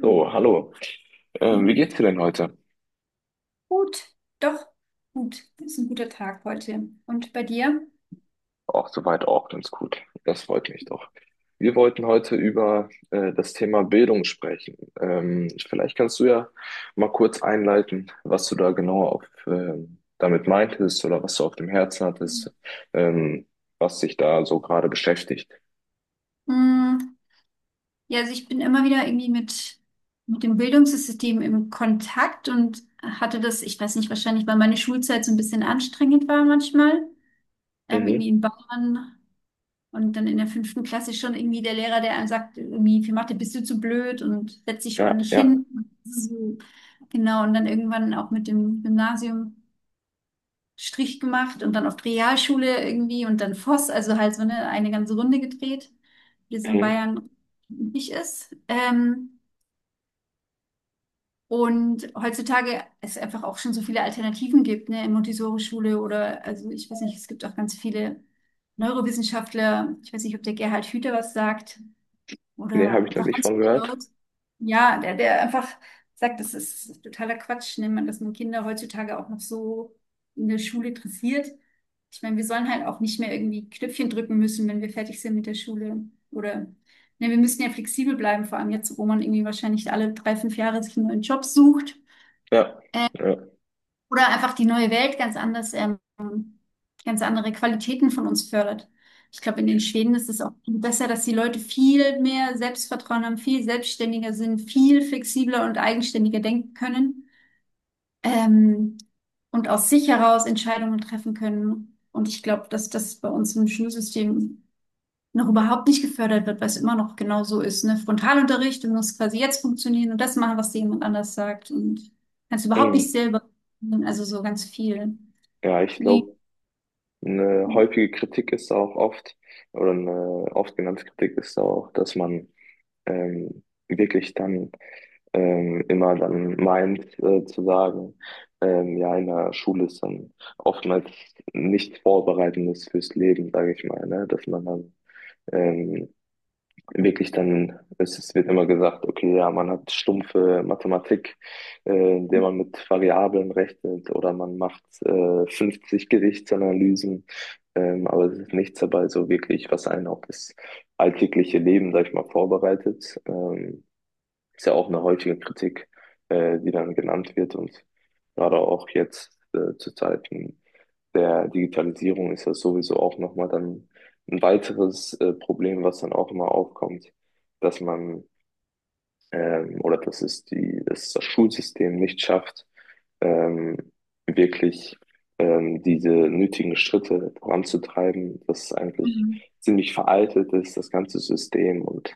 So, hallo. Wie Mhm. geht's dir denn heute? Gut, doch, gut. Das ist ein guter Tag heute. Und bei dir? Auch soweit auch ganz gut. Das freut mich doch. Wir wollten heute über das Thema Bildung sprechen. Vielleicht kannst du ja mal kurz einleiten, was du da genau damit meintest oder was du auf dem Herzen hattest, ähm, was dich da so gerade beschäftigt. Mm, Ja, also ich bin immer wieder irgendwie mit dem Bildungssystem im Kontakt und hatte das, ich weiß nicht, wahrscheinlich, weil meine Schulzeit so ein bisschen anstrengend war manchmal. Irgendwie Mhm. in Bayern. Und dann in der fünften Klasse schon irgendwie der Lehrer, der einem sagt, irgendwie für Mathe bist du zu blöd und setz dich Ja, ordentlich ja. hin. So. Genau, und dann irgendwann auch mit dem Gymnasium Strich gemacht und dann auf die Realschule irgendwie und dann Voss, also halt so eine ganze Runde gedreht, wie es in Mhm. Bayern üblich ist. Und heutzutage es einfach auch schon so viele Alternativen gibt, ne, in Montessori-Schule oder, also ich weiß nicht, es gibt auch ganz viele Neurowissenschaftler, ich weiß nicht, ob der Gerhard Hüter was sagt. Nee, Oder habe ich noch einfach, nicht ganz von viele gehört. Leute. Ja, der einfach sagt, das ist totaler Quatsch, ne, man, dass man Kinder heutzutage auch noch so in der Schule interessiert. Ich meine, wir sollen halt auch nicht mehr irgendwie Knöpfchen drücken müssen, wenn wir fertig sind mit der Schule. Oder, ne, wir müssen ja flexibel bleiben, vor allem jetzt, wo man irgendwie wahrscheinlich alle drei, fünf Jahre sich einen neuen Job sucht. Ja, ja. Oder einfach die neue Welt ganz anders, ganz andere Qualitäten von uns fördert. Ich glaube, in den Schweden ist es auch besser, dass die Leute viel mehr Selbstvertrauen haben, viel selbstständiger sind, viel flexibler und eigenständiger denken können, ähm, und aus sich heraus Entscheidungen treffen können. Und ich glaube, dass das bei uns im Schulsystem noch überhaupt nicht gefördert wird, weil es immer noch genau so ist, ne? Frontalunterricht, du musst quasi jetzt funktionieren und das machen, was dir jemand anders sagt und kannst überhaupt nicht Mhm. selber, also so ganz viel. Ja, ich Wie, glaube. Eine häufige Kritik ist auch oft, oder eine oft genannte Kritik ist auch, dass man ähm, wirklich dann immer dann meint zu sagen, ja, in der Schule ist dann oftmals nichts Vorbereitendes fürs Leben, sage ich mal, ne? Dass man dann ähm, wirklich es wird immer gesagt, okay, ja, man hat stumpfe Mathematik, in der man mit Variablen rechnet oder man macht 50 Gewichtsanalysen, aber es ist nichts dabei so wirklich, was einen auf das alltägliche Leben, sag ich mal, vorbereitet. Ist ja auch eine häufige Kritik, die dann genannt wird und gerade auch jetzt zu Zeiten der Digitalisierung ist das sowieso auch nochmal dann ein weiteres Problem, was dann auch immer aufkommt, dass man oder dass es die, dass das Schulsystem nicht schafft, ähm, wirklich diese nötigen Schritte voranzutreiben, dass es eigentlich mhm. ziemlich veraltet ist, das ganze System und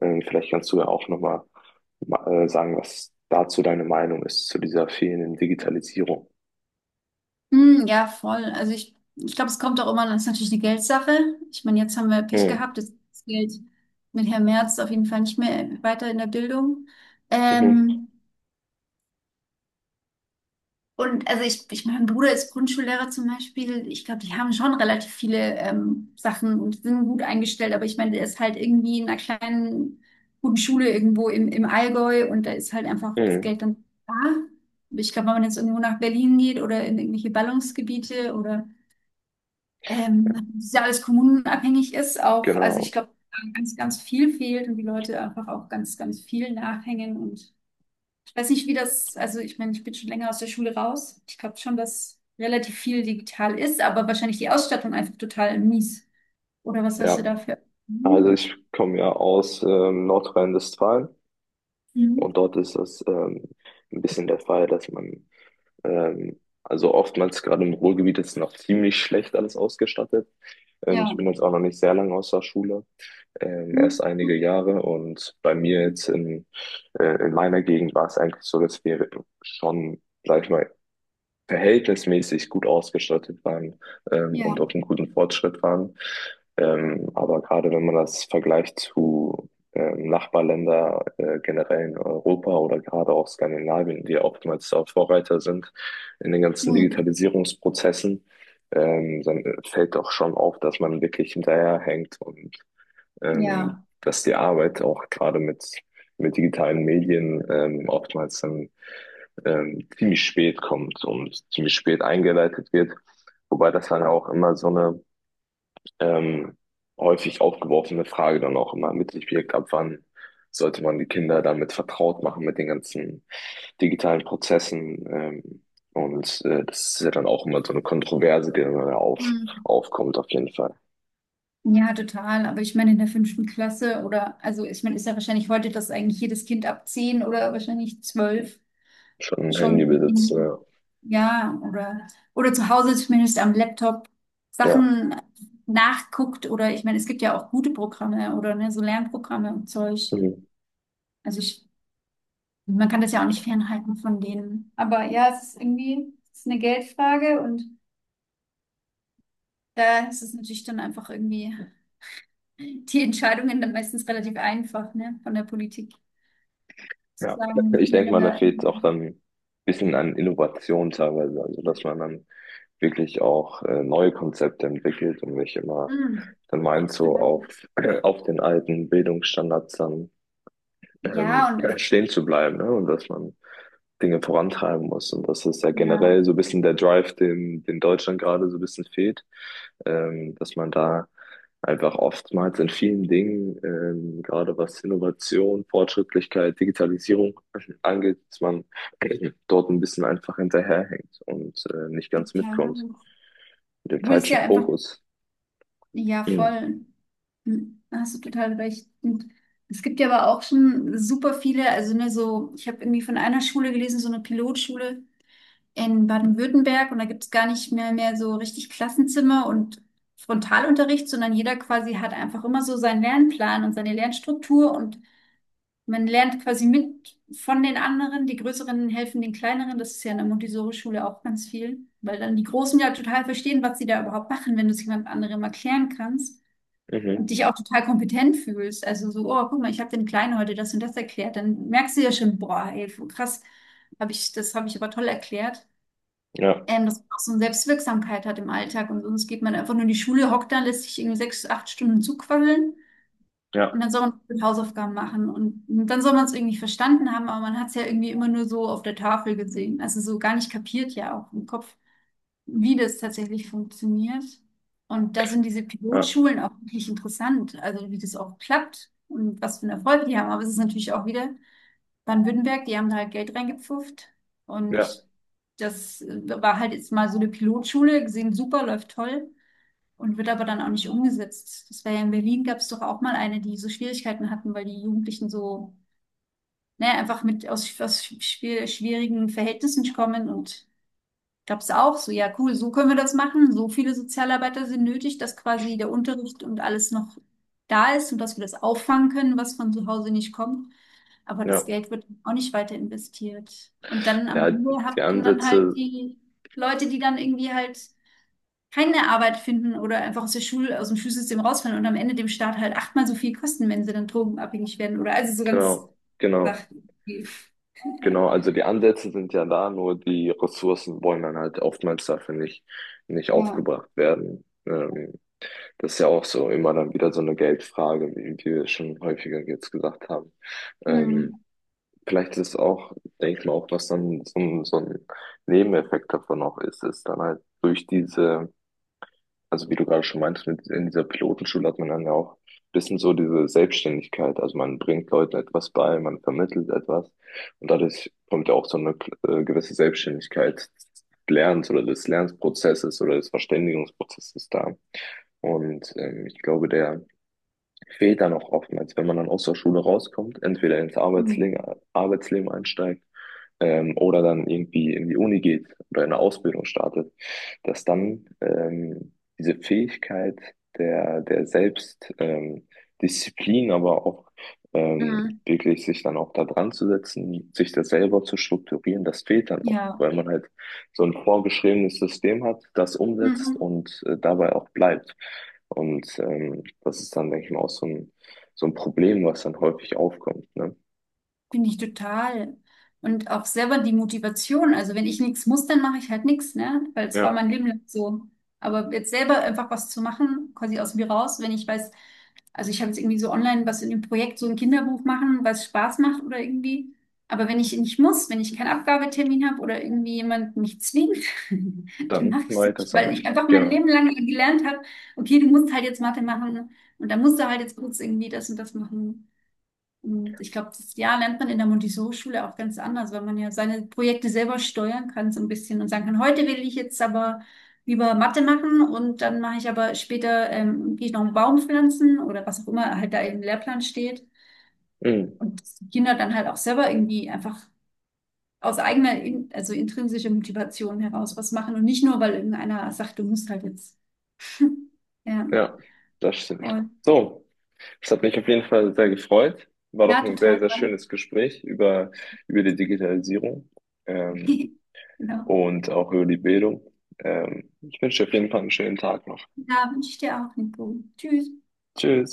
vielleicht kannst du ja auch nochmal sagen, was dazu deine Meinung ist, zu dieser fehlenden Digitalisierung. Mhm, ja, voll. Also ich glaube, es kommt auch immer, das ist natürlich eine Geldsache. Ich meine, jetzt haben wir Pech Mhm. gehabt, jetzt ist das Geld mit Herrn Merz auf jeden Fall nicht mehr weiter in der Bildung. Mhm. Ähm, Und also mein Bruder ist Grundschullehrer zum Beispiel. Ich glaube, die haben schon relativ viele Sachen und sind gut eingestellt. Aber ich meine, der ist halt irgendwie in einer kleinen, guten Schule irgendwo im Allgäu und da ist halt einfach das Mhm. Geld dann da. Ich glaube, wenn man jetzt irgendwo nach Berlin geht oder in irgendwelche Ballungsgebiete oder das ist ja alles kommunenabhängig ist, auch, also ich Genau. glaube, da ganz, ganz viel fehlt und die Leute einfach auch ganz, ganz viel nachhängen und weiß nicht, wie das, also ich meine, ich bin schon länger aus der Schule raus. Ich glaube schon, dass relativ viel digital ist, aber wahrscheinlich die Ausstattung einfach total mies. Oder was hast du Ja. dafür? Also Mhm. ich komme ja aus Nordrhein-Westfalen Mhm. und dort ist das ein bisschen der Fall, also oftmals gerade im Ruhrgebiet ist noch ziemlich schlecht alles ausgestattet. Ich Ja. bin jetzt auch noch nicht sehr lange aus der Schule, erst Mhm. einige Jahre und bei mir jetzt in meiner Gegend war es eigentlich so, dass wir schon, sag ich mal, verhältnismäßig gut ausgestattet waren und Ja. auf einem guten Fortschritt waren. Aber gerade wenn man das vergleicht zu Nachbarländer generell in Europa oder gerade auch Skandinavien, die oftmals da Vorreiter sind in den ganzen Mhm. Digitalisierungsprozessen, dann fällt doch schon auf, dass man wirklich hinterherhängt und Ja. dass die Arbeit auch gerade mit digitalen Medien oftmals dann ziemlich spät kommt und ziemlich spät eingeleitet wird. Wobei das dann auch immer so eine ähm, häufig aufgeworfene Frage dann auch immer mit sich birgt, ab wann sollte man die Kinder damit vertraut machen, mit den ganzen digitalen Prozessen. Das ist ja dann auch immer so eine Kontroverse, Mhm. aufkommt auf jeden Fall. Ja, total. Aber ich meine, in der fünften Klasse oder, also ich meine, ist ja wahrscheinlich heute, dass eigentlich jedes Kind ab 10 oder wahrscheinlich 12 Schon ein schon Handybesitz, irgendwie, ja. ja, oder zu Hause zumindest am Laptop Ja. Sachen nachguckt oder ich meine, es gibt ja auch gute Programme oder ne, so Lernprogramme und Zeug. Mhm. Also ich, man kann das ja auch nicht fernhalten von denen. Aber ja, es ist irgendwie, es ist eine Geldfrage und da ist es natürlich dann einfach irgendwie die Entscheidungen dann meistens relativ einfach, ne, von der Politik zu Ja, sagen, ich ich will denke dann mal, da da. fehlt auch dann ein bisschen an Innovation teilweise, also dass man dann wirklich auch neue Konzepte entwickelt und nicht immer Hm. dann meint, auf den alten Bildungsstandards dann Ja, und stehen zu bleiben, ne? Und dass man Dinge vorantreiben muss. Und das ist ja ja, generell so ein bisschen der Drive, den Deutschland gerade so ein bisschen fehlt, dass man da einfach oftmals in vielen Dingen, gerade was Innovation, Fortschrittlichkeit, Digitalisierung angeht, dass man dort ein bisschen einfach hinterherhängt und nicht ganz mitkommt. total. Mit dem Obwohl es ja falschen einfach Fokus. ja, Mhm. voll. Hm, hast du total recht. Und es gibt ja aber auch schon super viele, also ne, so, ich habe irgendwie von einer Schule gelesen, so eine Pilotschule in Baden-Württemberg und da gibt es gar nicht mehr mehr so richtig Klassenzimmer und Frontalunterricht, sondern jeder quasi hat einfach immer so seinen Lernplan und seine Lernstruktur und man lernt quasi mit von den anderen. Die Größeren helfen den Kleineren. Das ist ja in der Montessori-Schule auch ganz viel, weil dann die Großen ja total verstehen, was sie da überhaupt machen, wenn du es jemand anderem erklären kannst und Mhm. dich auch total kompetent fühlst. Also so, oh, guck mal, ich habe den Kleinen heute das und das erklärt. Dann merkst du ja schon, boah, ey, krass, habe ich, das habe ich aber toll erklärt. Ja, Dass man auch so eine Selbstwirksamkeit hat im Alltag und sonst geht man einfach nur in die Schule, hockt da, lässt sich irgendwie 6, 8 Stunden zuquasseln ja, und dann soll man mit Hausaufgaben machen und dann soll man es irgendwie verstanden haben, aber man hat es ja irgendwie immer nur so auf der Tafel gesehen, also so gar nicht kapiert ja auch im Kopf wie das tatsächlich funktioniert. Und da sind diese ja, Pilotschulen auch wirklich interessant, also wie das auch klappt und was für einen Erfolg die haben. Aber es ist natürlich auch wieder Baden-Württemberg, die haben da halt Geld reingepfufft. ja, Und das war halt jetzt mal so eine Pilotschule, gesehen, super, läuft toll und wird aber dann auch nicht umgesetzt. Das war ja in Berlin, gab es doch auch mal eine, die so Schwierigkeiten hatten, weil die Jugendlichen so, naja, einfach mit aus schwierigen Verhältnissen kommen und gab es auch so, ja cool, so können wir das machen. So viele Sozialarbeiter sind nötig, dass quasi der Unterricht und alles noch da ist und dass wir das auffangen können, was von zu Hause nicht kommt. Aber das ja. Geld wird auch nicht weiter investiert. Und dann am Ja, Ende hat die man dann halt Ansätze, die Leute, die dann irgendwie halt keine Arbeit finden oder einfach aus der Schule, aus dem Schulsystem rausfallen und am Ende dem Staat halt achtmal so viel kosten, wenn sie dann drogenabhängig werden oder also so ganz genau, genau. Sachen. Ja. Genau, also die Ansätze sind ja da, nur die Ressourcen wollen dann halt oftmals dafür nicht Ja. aufgebracht werden. Das ist ja auch so immer dann wieder so eine Geldfrage, wie wir schon häufiger jetzt gesagt haben. Hm. Ähm, vielleicht ist es auch, denke ich mal, auch was dann so, so ein Nebeneffekt davon auch ist, ist dann halt durch diese also wie du gerade schon meintest, in dieser Pilotenschule hat man dann ja auch ein bisschen so diese Selbstständigkeit. Also man bringt Leuten etwas bei, man vermittelt etwas und dadurch kommt ja auch so eine gewisse Selbstständigkeit des Lernens oder des Lernprozesses oder des Verständigungsprozesses da. Und ich glaube, der fehlt da noch oftmals, wenn man dann aus der Schule rauskommt, entweder ins Hm. Arbeitsleben einsteigt oder dann irgendwie in die Uni geht oder eine Ausbildung startet, dass dann diese Fähigkeit der Selbst, Disziplin, aber auch Hm. wirklich sich dann auch da dran zu setzen, sich das selber zu strukturieren, das fehlt dann auch, Ja. weil man halt so ein vorgeschriebenes System hat, das umsetzt Mhm. und dabei auch bleibt. Und das ist dann, denke ich mal, auch so ein Problem, was dann häufig aufkommt. Ne? Finde ich total. Und auch selber die Motivation. Also wenn ich nichts muss, dann mache ich halt nichts, ne? Weil es war Ja, mein Leben lang so. Aber jetzt selber einfach was zu machen, quasi aus mir raus, wenn ich weiß, also ich habe jetzt irgendwie so online was in dem Projekt, so ein Kinderbuch machen, was Spaß macht oder irgendwie. Aber wenn ich nicht muss, wenn ich keinen Abgabetermin habe oder irgendwie jemand mich zwingt, dann dann mache ich es weiter nicht. Weil sammeln. ich einfach mein Genau. Leben lang gelernt habe, okay, du musst halt jetzt Mathe machen und dann musst du halt jetzt kurz irgendwie das und das machen. Und ich glaube, das ja, lernt man in der Montessori-Schule auch ganz anders, weil man ja seine Projekte selber steuern kann, so ein bisschen und sagen kann, heute will ich jetzt aber lieber Mathe machen und dann mache ich aber später, gehe ich noch einen Baum pflanzen oder was auch immer halt da im Lehrplan steht. Mhm. Und dass die Kinder dann halt auch selber irgendwie einfach aus eigener, in, also intrinsischer Motivation heraus was machen und nicht nur, weil irgendeiner sagt, du musst halt jetzt. Ja, Ja, das stimmt. voll. So, es hat mich auf jeden Fall sehr gefreut. War Ja, doch ein sehr, total. sehr schönes Gespräch über, über die Digitalisierung ähm, Genau. und auch über die Bildung. Ich wünsche dir auf jeden Fall einen schönen Tag noch. Ja, wünsche ich dir auch, Nico. Tschüss. Tschüss.